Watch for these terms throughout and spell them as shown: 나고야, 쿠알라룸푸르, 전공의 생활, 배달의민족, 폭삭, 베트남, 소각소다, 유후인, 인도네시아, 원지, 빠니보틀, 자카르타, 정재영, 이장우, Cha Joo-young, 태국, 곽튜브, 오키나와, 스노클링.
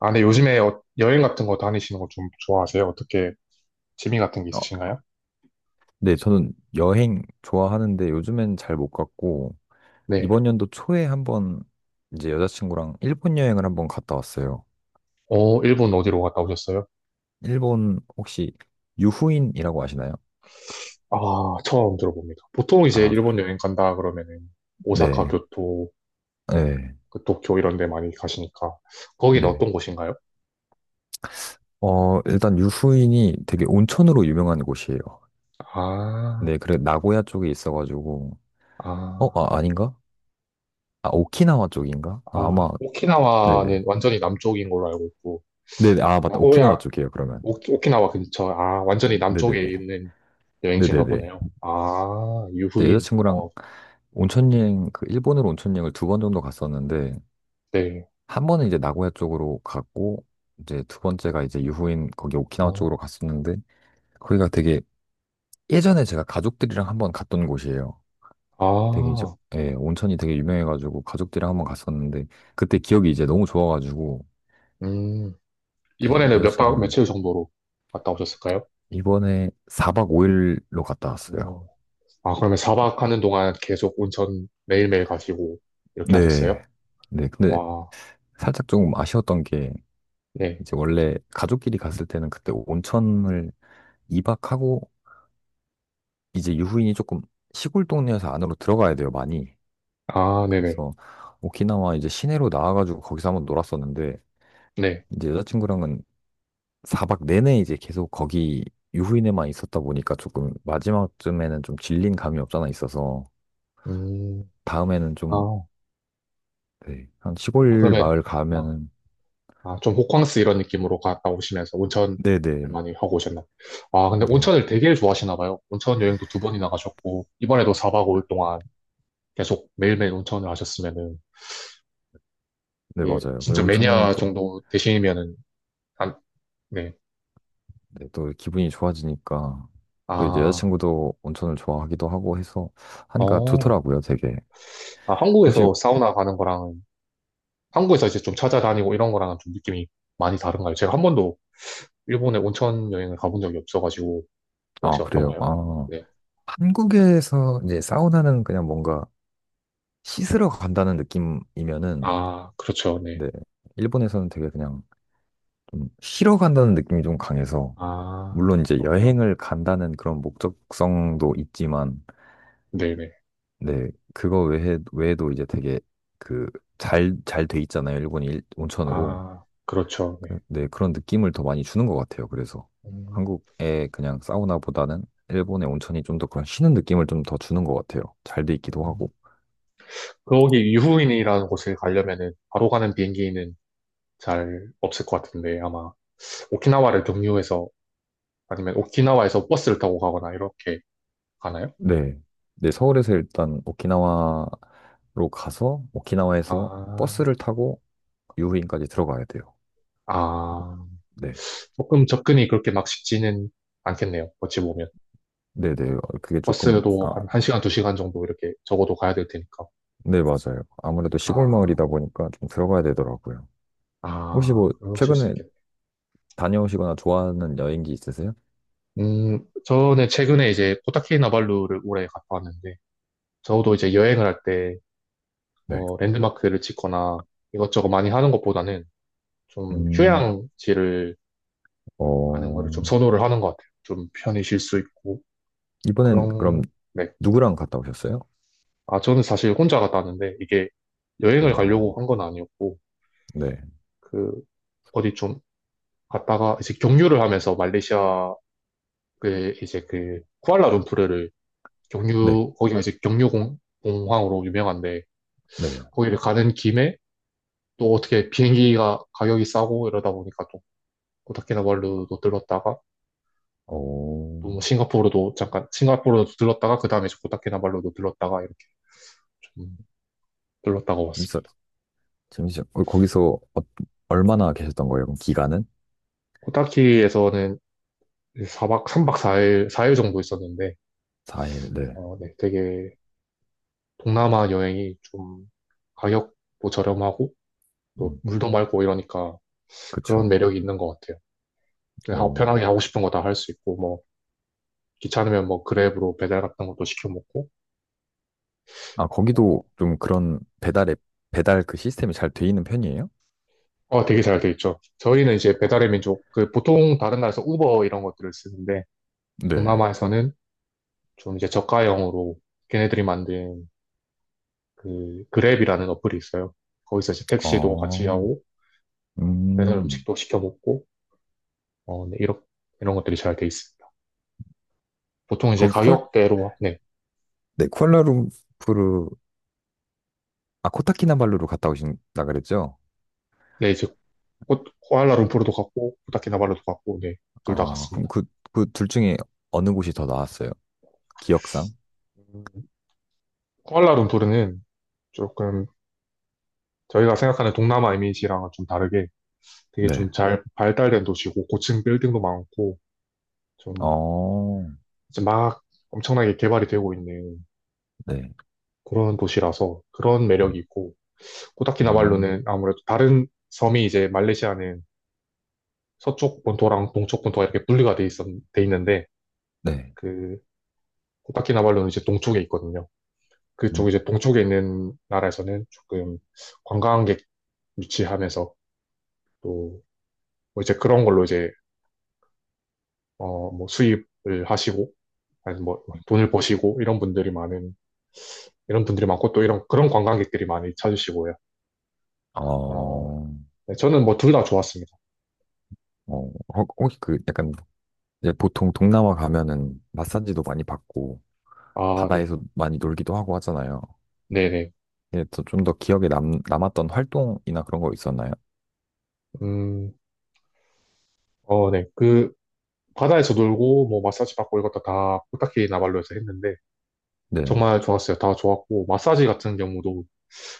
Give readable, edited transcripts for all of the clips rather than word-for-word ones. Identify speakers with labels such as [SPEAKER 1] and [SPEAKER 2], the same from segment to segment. [SPEAKER 1] 아, 네 요즘에 여행 같은 거 다니시는 거 좀 좋아하세요? 어떻게 취미 같은 게
[SPEAKER 2] 어,
[SPEAKER 1] 있으신가요?
[SPEAKER 2] 네, 저는 여행 좋아하는데 요즘엔 잘 못 갔고,
[SPEAKER 1] 네.
[SPEAKER 2] 이번 연도 초에 한번 이제 여자친구랑 일본 여행을 한번 갔다 왔어요.
[SPEAKER 1] 일본 어디로 갔다 오셨어요?
[SPEAKER 2] 일본 혹시 유후인이라고 아시나요?
[SPEAKER 1] 아, 처음 들어봅니다. 보통 이제
[SPEAKER 2] 아,
[SPEAKER 1] 일본 여행 간다 그러면은 오사카,
[SPEAKER 2] 네,
[SPEAKER 1] 교토,
[SPEAKER 2] 네,
[SPEAKER 1] 그 도쿄 이런 데 많이 가시니까 거기는
[SPEAKER 2] 네.
[SPEAKER 1] 어떤 곳인가요?
[SPEAKER 2] 일단 유후인이 되게 온천으로 유명한 곳이에요.
[SPEAKER 1] 아,
[SPEAKER 2] 네, 그래, 나고야 쪽에 있어가지고,
[SPEAKER 1] 아,
[SPEAKER 2] 아, 아닌가? 아, 오키나와 쪽인가? 아, 아마,
[SPEAKER 1] 아, 오키나와는
[SPEAKER 2] 네네.
[SPEAKER 1] 완전히 남쪽인 걸로 알고 있고
[SPEAKER 2] 네네, 아, 맞다. 오키나와
[SPEAKER 1] 나고야,
[SPEAKER 2] 쪽이에요, 그러면.
[SPEAKER 1] 오, 오키나와 근처, 아, 완전히
[SPEAKER 2] 네네네.
[SPEAKER 1] 남쪽에
[SPEAKER 2] 네네네.
[SPEAKER 1] 있는
[SPEAKER 2] 네, 네. 네,
[SPEAKER 1] 여행지인가
[SPEAKER 2] 네,
[SPEAKER 1] 보네요.
[SPEAKER 2] 네.
[SPEAKER 1] 아,
[SPEAKER 2] 네,
[SPEAKER 1] 유후인.
[SPEAKER 2] 여자친구랑 온천 여행 그 일본으로 온천 여행을 두 번 정도 갔었는데
[SPEAKER 1] 네.
[SPEAKER 2] 한 번은 이제 나고야 쪽으로 갔고 이제 두 번째가 이제 유후인 거기 오키나와
[SPEAKER 1] 어,
[SPEAKER 2] 쪽으로 갔었는데 거기가 되게 예전에 제가 가족들이랑 한번 갔던 곳이에요. 되게 이제
[SPEAKER 1] 아,
[SPEAKER 2] 예, 온천이 되게 유명해가지고 가족들이랑 한번 갔었는데 그때 기억이 이제 너무 좋아가지고
[SPEAKER 1] 음,
[SPEAKER 2] 네,
[SPEAKER 1] 이번에는 몇 박,
[SPEAKER 2] 여자친구랑
[SPEAKER 1] 며칠 정도로 갔다 오셨을까요?
[SPEAKER 2] 이번에 4박 5일로 갔다
[SPEAKER 1] 오.
[SPEAKER 2] 왔어요.
[SPEAKER 1] 아, 그러면 4박 하는 동안 계속 온천 매일매일 가시고 이렇게 하셨어요?
[SPEAKER 2] 네. 네, 근데
[SPEAKER 1] 와,
[SPEAKER 2] 살짝 조금 아쉬웠던 게
[SPEAKER 1] 네.
[SPEAKER 2] 이제 원래 가족끼리 갔을 때는 그때 온천을 2박하고 이제 유후인이 조금 시골 동네에서 안으로 들어가야 돼요, 많이.
[SPEAKER 1] 아, 네네.
[SPEAKER 2] 그래서 오키나와 이제 시내로 나와가지고 거기서 한번 놀았었는데
[SPEAKER 1] 네.
[SPEAKER 2] 이제 여자친구랑은 4박 내내 이제 계속 거기 유후인에만 있었다 보니까 조금 마지막쯤에는 좀 질린 감이 없잖아 있어서
[SPEAKER 1] 음,
[SPEAKER 2] 다음에는 좀
[SPEAKER 1] 아,
[SPEAKER 2] 네, 한
[SPEAKER 1] 아,
[SPEAKER 2] 시골
[SPEAKER 1] 그러면,
[SPEAKER 2] 마을
[SPEAKER 1] 아,
[SPEAKER 2] 가면은
[SPEAKER 1] 아, 좀 호캉스 이런 느낌으로 갔다 오시면서 온천을
[SPEAKER 2] 네네
[SPEAKER 1] 많이 하고 오셨나? 아, 근데
[SPEAKER 2] 네,
[SPEAKER 1] 온천을 되게 좋아하시나 봐요. 온천 여행도 두 번이나 가셨고, 이번에도 4박 5일 동안 계속 매일매일 온천을 하셨으면은,
[SPEAKER 2] 네
[SPEAKER 1] 이게
[SPEAKER 2] 맞아요. 그
[SPEAKER 1] 진짜
[SPEAKER 2] 온천하면
[SPEAKER 1] 매니아
[SPEAKER 2] 또,
[SPEAKER 1] 정도 되시면은, 안, 네.
[SPEAKER 2] 네, 또 기분이 좋아지니까 또 이제
[SPEAKER 1] 아,
[SPEAKER 2] 여자친구도 온천을 좋아하기도 하고 해서 하니까
[SPEAKER 1] 어,
[SPEAKER 2] 좋더라고요, 되게.
[SPEAKER 1] 아,
[SPEAKER 2] 혹시
[SPEAKER 1] 한국에서 사우나 가는 거랑, 한국에서 이제 좀 찾아다니고 이런 거랑은 좀 느낌이 많이 다른가요? 제가 한 번도 일본에 온천 여행을 가본 적이 없어가지고,
[SPEAKER 2] 아,
[SPEAKER 1] 혹시
[SPEAKER 2] 그래요.
[SPEAKER 1] 어떤가요?
[SPEAKER 2] 아,
[SPEAKER 1] 네.
[SPEAKER 2] 한국에서 이제 사우나는 그냥 뭔가 씻으러 간다는 느낌이면은,
[SPEAKER 1] 아, 그렇죠. 네.
[SPEAKER 2] 네, 일본에서는 되게 그냥 좀 쉬러 간다는 느낌이 좀 강해서, 물론
[SPEAKER 1] 아,
[SPEAKER 2] 이제
[SPEAKER 1] 그렇구나.
[SPEAKER 2] 여행을 간다는 그런 목적성도 있지만,
[SPEAKER 1] 네네.
[SPEAKER 2] 네, 그거 외에도 이제 되게 그 잘 돼 있잖아요. 일본이 온천으로.
[SPEAKER 1] 아, 그렇죠. 네.
[SPEAKER 2] 네, 그런 느낌을 더 많이 주는 것 같아요. 그래서
[SPEAKER 1] 음,
[SPEAKER 2] 한국의 그냥 사우나보다는 일본의 온천이 좀 더 그런 쉬는 느낌을 좀 더 주는 것 같아요. 잘 돼 있기도
[SPEAKER 1] 음.
[SPEAKER 2] 하고.
[SPEAKER 1] 그 거기 유후인이라는 곳을 가려면은 바로 가는 비행기는 잘 없을 것 같은데, 아마 오키나와를 경유해서, 아니면 오키나와에서 버스를 타고 가거나 이렇게 가나요?
[SPEAKER 2] 네. 네, 서울에서 일단 오키나와로 가서 오키나와에서
[SPEAKER 1] 아,
[SPEAKER 2] 버스를 타고 유후인까지 들어가야 돼요.
[SPEAKER 1] 아.
[SPEAKER 2] 네.
[SPEAKER 1] 조금 접근이 그렇게 막 쉽지는 않겠네요. 어찌 보면.
[SPEAKER 2] 네네. 그게 조금,
[SPEAKER 1] 버스도
[SPEAKER 2] 아,
[SPEAKER 1] 한 1시간, 2시간 정도 이렇게 적어도 가야 될 테니까.
[SPEAKER 2] 네, 맞아요. 아무래도 시골
[SPEAKER 1] 아,
[SPEAKER 2] 마을이다 보니까 좀 들어가야 되더라고요. 혹시
[SPEAKER 1] 아,
[SPEAKER 2] 뭐,
[SPEAKER 1] 그러실 수
[SPEAKER 2] 최근에
[SPEAKER 1] 있겠네.
[SPEAKER 2] 다녀오시거나 좋아하는 여행지 있으세요?
[SPEAKER 1] 저는 최근에 이제 코타키나발루를 올해 갔다 왔는데, 저도 이제 여행을 할 때
[SPEAKER 2] 네.
[SPEAKER 1] 뭐 랜드마크를 찍거나 이것저것 많이 하는 것보다는 좀
[SPEAKER 2] 음,
[SPEAKER 1] 휴양지를 가는 거를
[SPEAKER 2] 어,
[SPEAKER 1] 좀 선호를 하는 것 같아요. 좀 편히 쉴 수 있고,
[SPEAKER 2] 이번엔 그럼
[SPEAKER 1] 그런, 네.
[SPEAKER 2] 누구랑 갔다 오셨어요?
[SPEAKER 1] 아, 저는 사실 혼자 갔다 왔는데, 이게 여행을 가려고 한 건 아니었고,
[SPEAKER 2] 야, 네.
[SPEAKER 1] 그 어디 좀 갔다가 이제 경유를 하면서 말레이시아의 이제 그 쿠알라룸푸르를
[SPEAKER 2] 네.
[SPEAKER 1] 경유 거기가 이제 경유공 공항으로 유명한데
[SPEAKER 2] 네.
[SPEAKER 1] 거기를 가는 김에 또 어떻게 비행기가 가격이 싸고 이러다 보니까 또 고타키나발루도 들렀다가
[SPEAKER 2] 어,
[SPEAKER 1] 또 뭐 싱가포르도 잠깐 싱가포르도 들렀다가 그 다음에 고타키나발루도 들렀다가 이렇게 좀 들렀다가
[SPEAKER 2] 재밌었,
[SPEAKER 1] 왔습니다.
[SPEAKER 2] 잠시만. 거기서 얼마나 계셨던 거예요? 그럼 기간은?
[SPEAKER 1] 코타키에서는 4박 3박 4일 사일 4일 정도 있었는데
[SPEAKER 2] 4일, 네.
[SPEAKER 1] 네, 되게 동남아 여행이 좀 가격도 저렴하고 또
[SPEAKER 2] 음,
[SPEAKER 1] 물도 맑고 이러니까 그런
[SPEAKER 2] 그쵸.
[SPEAKER 1] 매력이 있는 것 같아요. 그냥
[SPEAKER 2] 오.
[SPEAKER 1] 편하게 하고 싶은 거 다 할 수 있고 뭐 귀찮으면 뭐 그랩으로 배달 같은 것도 시켜 먹고
[SPEAKER 2] 아, 거기도 좀 그런 배달 앱, 배달 그 시스템이 잘 돼 있는 편이에요?
[SPEAKER 1] 되게 잘 돼 있죠. 저희는 이제
[SPEAKER 2] 어,
[SPEAKER 1] 배달의 민족 그 보통 다른 나라에서 우버 이런 것들을 쓰는데
[SPEAKER 2] 네.
[SPEAKER 1] 동남아에서는 좀 이제 저가형으로 걔네들이 만든 그 그랩이라는 어플이 있어요. 거기서 이제 택시도 같이
[SPEAKER 2] 어,
[SPEAKER 1] 하고 배달
[SPEAKER 2] 음.
[SPEAKER 1] 음식도 시켜 먹고 네, 이런 것들이 잘 돼 있습니다. 보통 이제
[SPEAKER 2] 거기 쿠알,
[SPEAKER 1] 가격대로, 네,
[SPEAKER 2] 네, 쿠알라룸푸르, 아, 코타키나발루로 갔다 오신다 그랬죠?
[SPEAKER 1] 네, 이제 코알라 룸푸르도 갔고, 코타키나발루도 갔고, 네, 둘 다
[SPEAKER 2] 아, 그럼
[SPEAKER 1] 갔습니다.
[SPEAKER 2] 그, 둘 중에 어느 곳이 더 나았어요? 기억상?
[SPEAKER 1] 음, 코알라 룸푸르는 조금 저희가 생각하는 동남아 이미지랑은 좀 다르게 되게
[SPEAKER 2] 네.
[SPEAKER 1] 좀 잘 발달된 도시고, 고층 빌딩도 많고, 좀
[SPEAKER 2] 어,
[SPEAKER 1] 이제 막 엄청나게 개발이 되고 있는
[SPEAKER 2] 네,
[SPEAKER 1] 그런 도시라서 그런
[SPEAKER 2] 네.
[SPEAKER 1] 매력이 있고,
[SPEAKER 2] 음,
[SPEAKER 1] 코타키나발루는 아무래도 다른 섬이 이제 말레이시아는 서쪽 본토랑 동쪽 본토가 이렇게 분리가 돼 있는데,
[SPEAKER 2] 네.
[SPEAKER 1] 그 코타키나발루는 이제 동쪽에 있거든요.
[SPEAKER 2] 음.
[SPEAKER 1] 그쪽 이제 동쪽에 있는 나라에서는 조금 관광객 유치하면서 또 뭐 이제 그런 걸로 이제 뭐 수입을 하시고 아니 뭐 돈을 버시고 이런 분들이 많고 또 이런 그런 관광객들이 많이 찾으시고요. 아,
[SPEAKER 2] 어,
[SPEAKER 1] 네, 저는 뭐 둘 다 좋았습니다.
[SPEAKER 2] 혹시 그 약간 이제 보통 동남아 가면은 마사지도 많이 받고
[SPEAKER 1] 아, 네.
[SPEAKER 2] 바다에서 많이 놀기도 하고 하잖아요.
[SPEAKER 1] 네네.
[SPEAKER 2] 이게 좀더 기억에 남았던 활동이나 그런 거 있었나요?
[SPEAKER 1] 음, 네. 그 바다에서 놀고 뭐 마사지 받고 이것도 다 코타키나발루에서 했는데
[SPEAKER 2] 네,
[SPEAKER 1] 정말 좋았어요. 다 좋았고 마사지 같은 경우도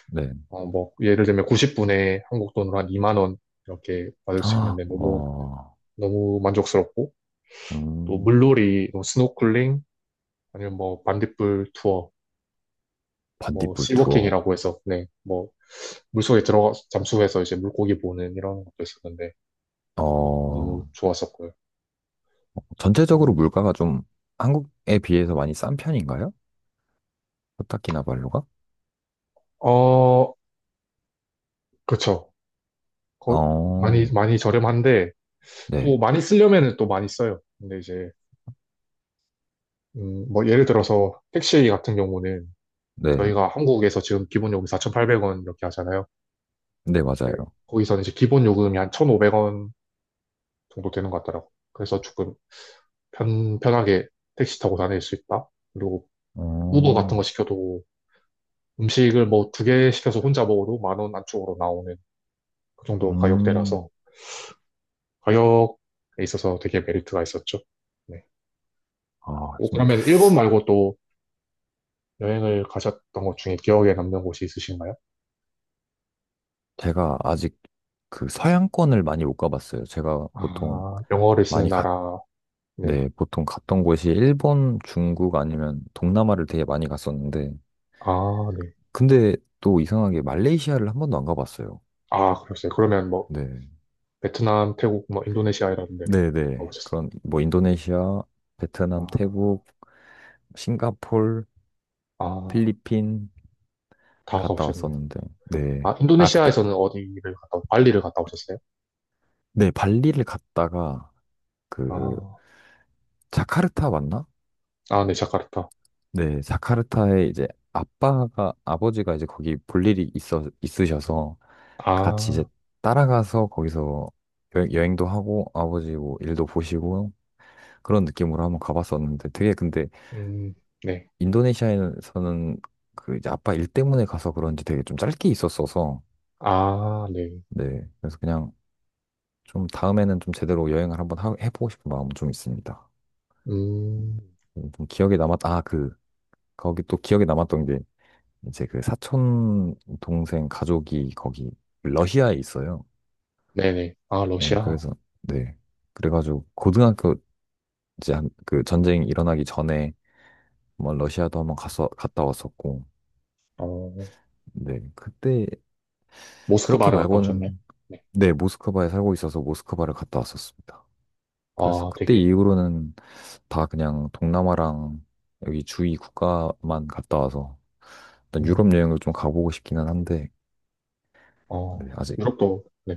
[SPEAKER 2] 네.
[SPEAKER 1] 뭐, 예를 들면 90분에 한국 돈으로 한 2만 원 이렇게 받을 수
[SPEAKER 2] 아,
[SPEAKER 1] 있는데 너무, 너무 만족스럽고, 또
[SPEAKER 2] 음,
[SPEAKER 1] 물놀이, 또 스노클링, 아니면 뭐, 반딧불 투어, 뭐,
[SPEAKER 2] 반딧불 투어.
[SPEAKER 1] 씨워킹이라고 해서, 네, 뭐, 물속에 들어가, 잠수해서 이제 물고기 보는 이런 것도 있었는데, 너무
[SPEAKER 2] 어,
[SPEAKER 1] 좋았었고요.
[SPEAKER 2] 전체적으로
[SPEAKER 1] 음,
[SPEAKER 2] 물가가 좀 한국에 비해서 많이 싼 편인가요? 코타키나발루가?
[SPEAKER 1] 어, 그쵸. 거, 많이,
[SPEAKER 2] 어,
[SPEAKER 1] 많이 저렴한데,
[SPEAKER 2] 네,
[SPEAKER 1] 또 많이 쓰려면은 또 많이 써요. 근데 이제, 뭐, 예를 들어서 택시 같은 경우는
[SPEAKER 2] 네,
[SPEAKER 1] 저희가 한국에서 지금 기본 요금 4,800원 이렇게 하잖아요.
[SPEAKER 2] 네,
[SPEAKER 1] 네,
[SPEAKER 2] 맞아요.
[SPEAKER 1] 거기서는 이제 기본 요금이 한 1,500원 정도 되는 것 같더라고요. 그래서 조금 편하게 택시 타고 다닐 수 있다. 그리고 우버 같은
[SPEAKER 2] 어,
[SPEAKER 1] 거 시켜도 음식을 뭐 두 개 시켜서 혼자 먹어도 만 원 안쪽으로 나오는 그 정도 가격대라서
[SPEAKER 2] 음,
[SPEAKER 1] 가격에 있어서 되게 메리트가 있었죠. 네.
[SPEAKER 2] 아,
[SPEAKER 1] 오, 그러면 일본 말고 또 여행을 가셨던 것 중에 기억에 남는 곳이 있으신가요?
[SPEAKER 2] 제가 아직 그 서양권을 많이 못 가봤어요. 제가 보통
[SPEAKER 1] 아, 영어를 쓰는
[SPEAKER 2] 많이 갔,
[SPEAKER 1] 나라. 네.
[SPEAKER 2] 네, 보통 갔던 곳이 일본, 중국 아니면 동남아를 되게 많이 갔었는데,
[SPEAKER 1] 아, 네.
[SPEAKER 2] 근데 또 이상하게 말레이시아를 한 번도 안 가봤어요.
[SPEAKER 1] 아, 그러세요. 그러면 뭐
[SPEAKER 2] 네.
[SPEAKER 1] 베트남, 태국, 뭐 인도네시아 이런 데를
[SPEAKER 2] 네네.
[SPEAKER 1] 가보셨어요.
[SPEAKER 2] 그런, 뭐, 인도네시아, 베트남,
[SPEAKER 1] 아,
[SPEAKER 2] 태국, 싱가폴,
[SPEAKER 1] 아,
[SPEAKER 2] 필리핀
[SPEAKER 1] 다
[SPEAKER 2] 갔다
[SPEAKER 1] 가보셨네요.
[SPEAKER 2] 왔었는데, 네.
[SPEAKER 1] 아,
[SPEAKER 2] 아, 그때,
[SPEAKER 1] 인도네시아에서는 어디를 갔다, 발리를 갔다 오셨어요?
[SPEAKER 2] 네, 발리를 갔다가, 그,
[SPEAKER 1] 아,
[SPEAKER 2] 자카르타 맞나?
[SPEAKER 1] 아, 네, 자카르타.
[SPEAKER 2] 네, 자카르타에 이제 아빠가, 아버지가 이제 거기 볼 일이 있으셔서 같이 이제
[SPEAKER 1] 아,
[SPEAKER 2] 따라가서 거기서 여행, 도 하고 아버지 뭐 일도 보시고 그런 느낌으로 한번 가봤었는데 되게 근데
[SPEAKER 1] 음, 네.
[SPEAKER 2] 인도네시아에서는 그 이제 아빠 일 때문에 가서 그런지 되게 좀 짧게 있었어서
[SPEAKER 1] 아, 네.
[SPEAKER 2] 네, 그래서 그냥 좀 다음에는 좀 제대로 여행을 한번 해보고 싶은 마음 좀 있습니다.
[SPEAKER 1] 음,
[SPEAKER 2] 좀 기억에 아, 그, 거기 또 기억에 남았던 게 이제 그 사촌 동생 가족이 거기 러시아에 있어요.
[SPEAKER 1] 네네. 아,
[SPEAKER 2] 네,
[SPEAKER 1] 러시아.
[SPEAKER 2] 그래서 네. 그래가지고 고등학교 이제 그 전쟁이 일어나기 전에 뭐 러시아도 한번 갔어 갔다 왔었고,
[SPEAKER 1] 어,
[SPEAKER 2] 네 그때 그렇게
[SPEAKER 1] 모스크바를 갔다 오셨네.
[SPEAKER 2] 말고는
[SPEAKER 1] 네.
[SPEAKER 2] 네 모스크바에 살고 있어서 모스크바를 갔다 왔었습니다. 그래서
[SPEAKER 1] 아,
[SPEAKER 2] 그때
[SPEAKER 1] 되게,
[SPEAKER 2] 이후로는 다 그냥 동남아랑 여기 주위 국가만 갔다 와서 일단 유럽
[SPEAKER 1] 음,
[SPEAKER 2] 여행을 좀 가보고 싶기는 한데 네, 아직
[SPEAKER 1] 유럽도, 네,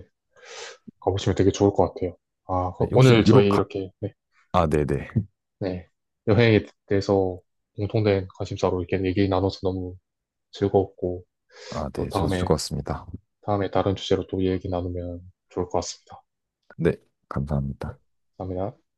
[SPEAKER 1] 가보시면 되게 좋을 것 같아요. 아,
[SPEAKER 2] 네, 혹시
[SPEAKER 1] 오늘
[SPEAKER 2] 유럽
[SPEAKER 1] 저희
[SPEAKER 2] 가
[SPEAKER 1] 이렇게, 네,
[SPEAKER 2] 아 네네
[SPEAKER 1] 네. 여행에 대해서 공통된 관심사로 이렇게 얘기 나눠서 너무 즐거웠고,
[SPEAKER 2] 아,
[SPEAKER 1] 또
[SPEAKER 2] 네, 저도 즐거웠습니다.
[SPEAKER 1] 다음에 다른 주제로 또 얘기 나누면 좋을 것 같습니다.
[SPEAKER 2] 네,
[SPEAKER 1] 네,
[SPEAKER 2] 감사합니다.
[SPEAKER 1] 감사합니다.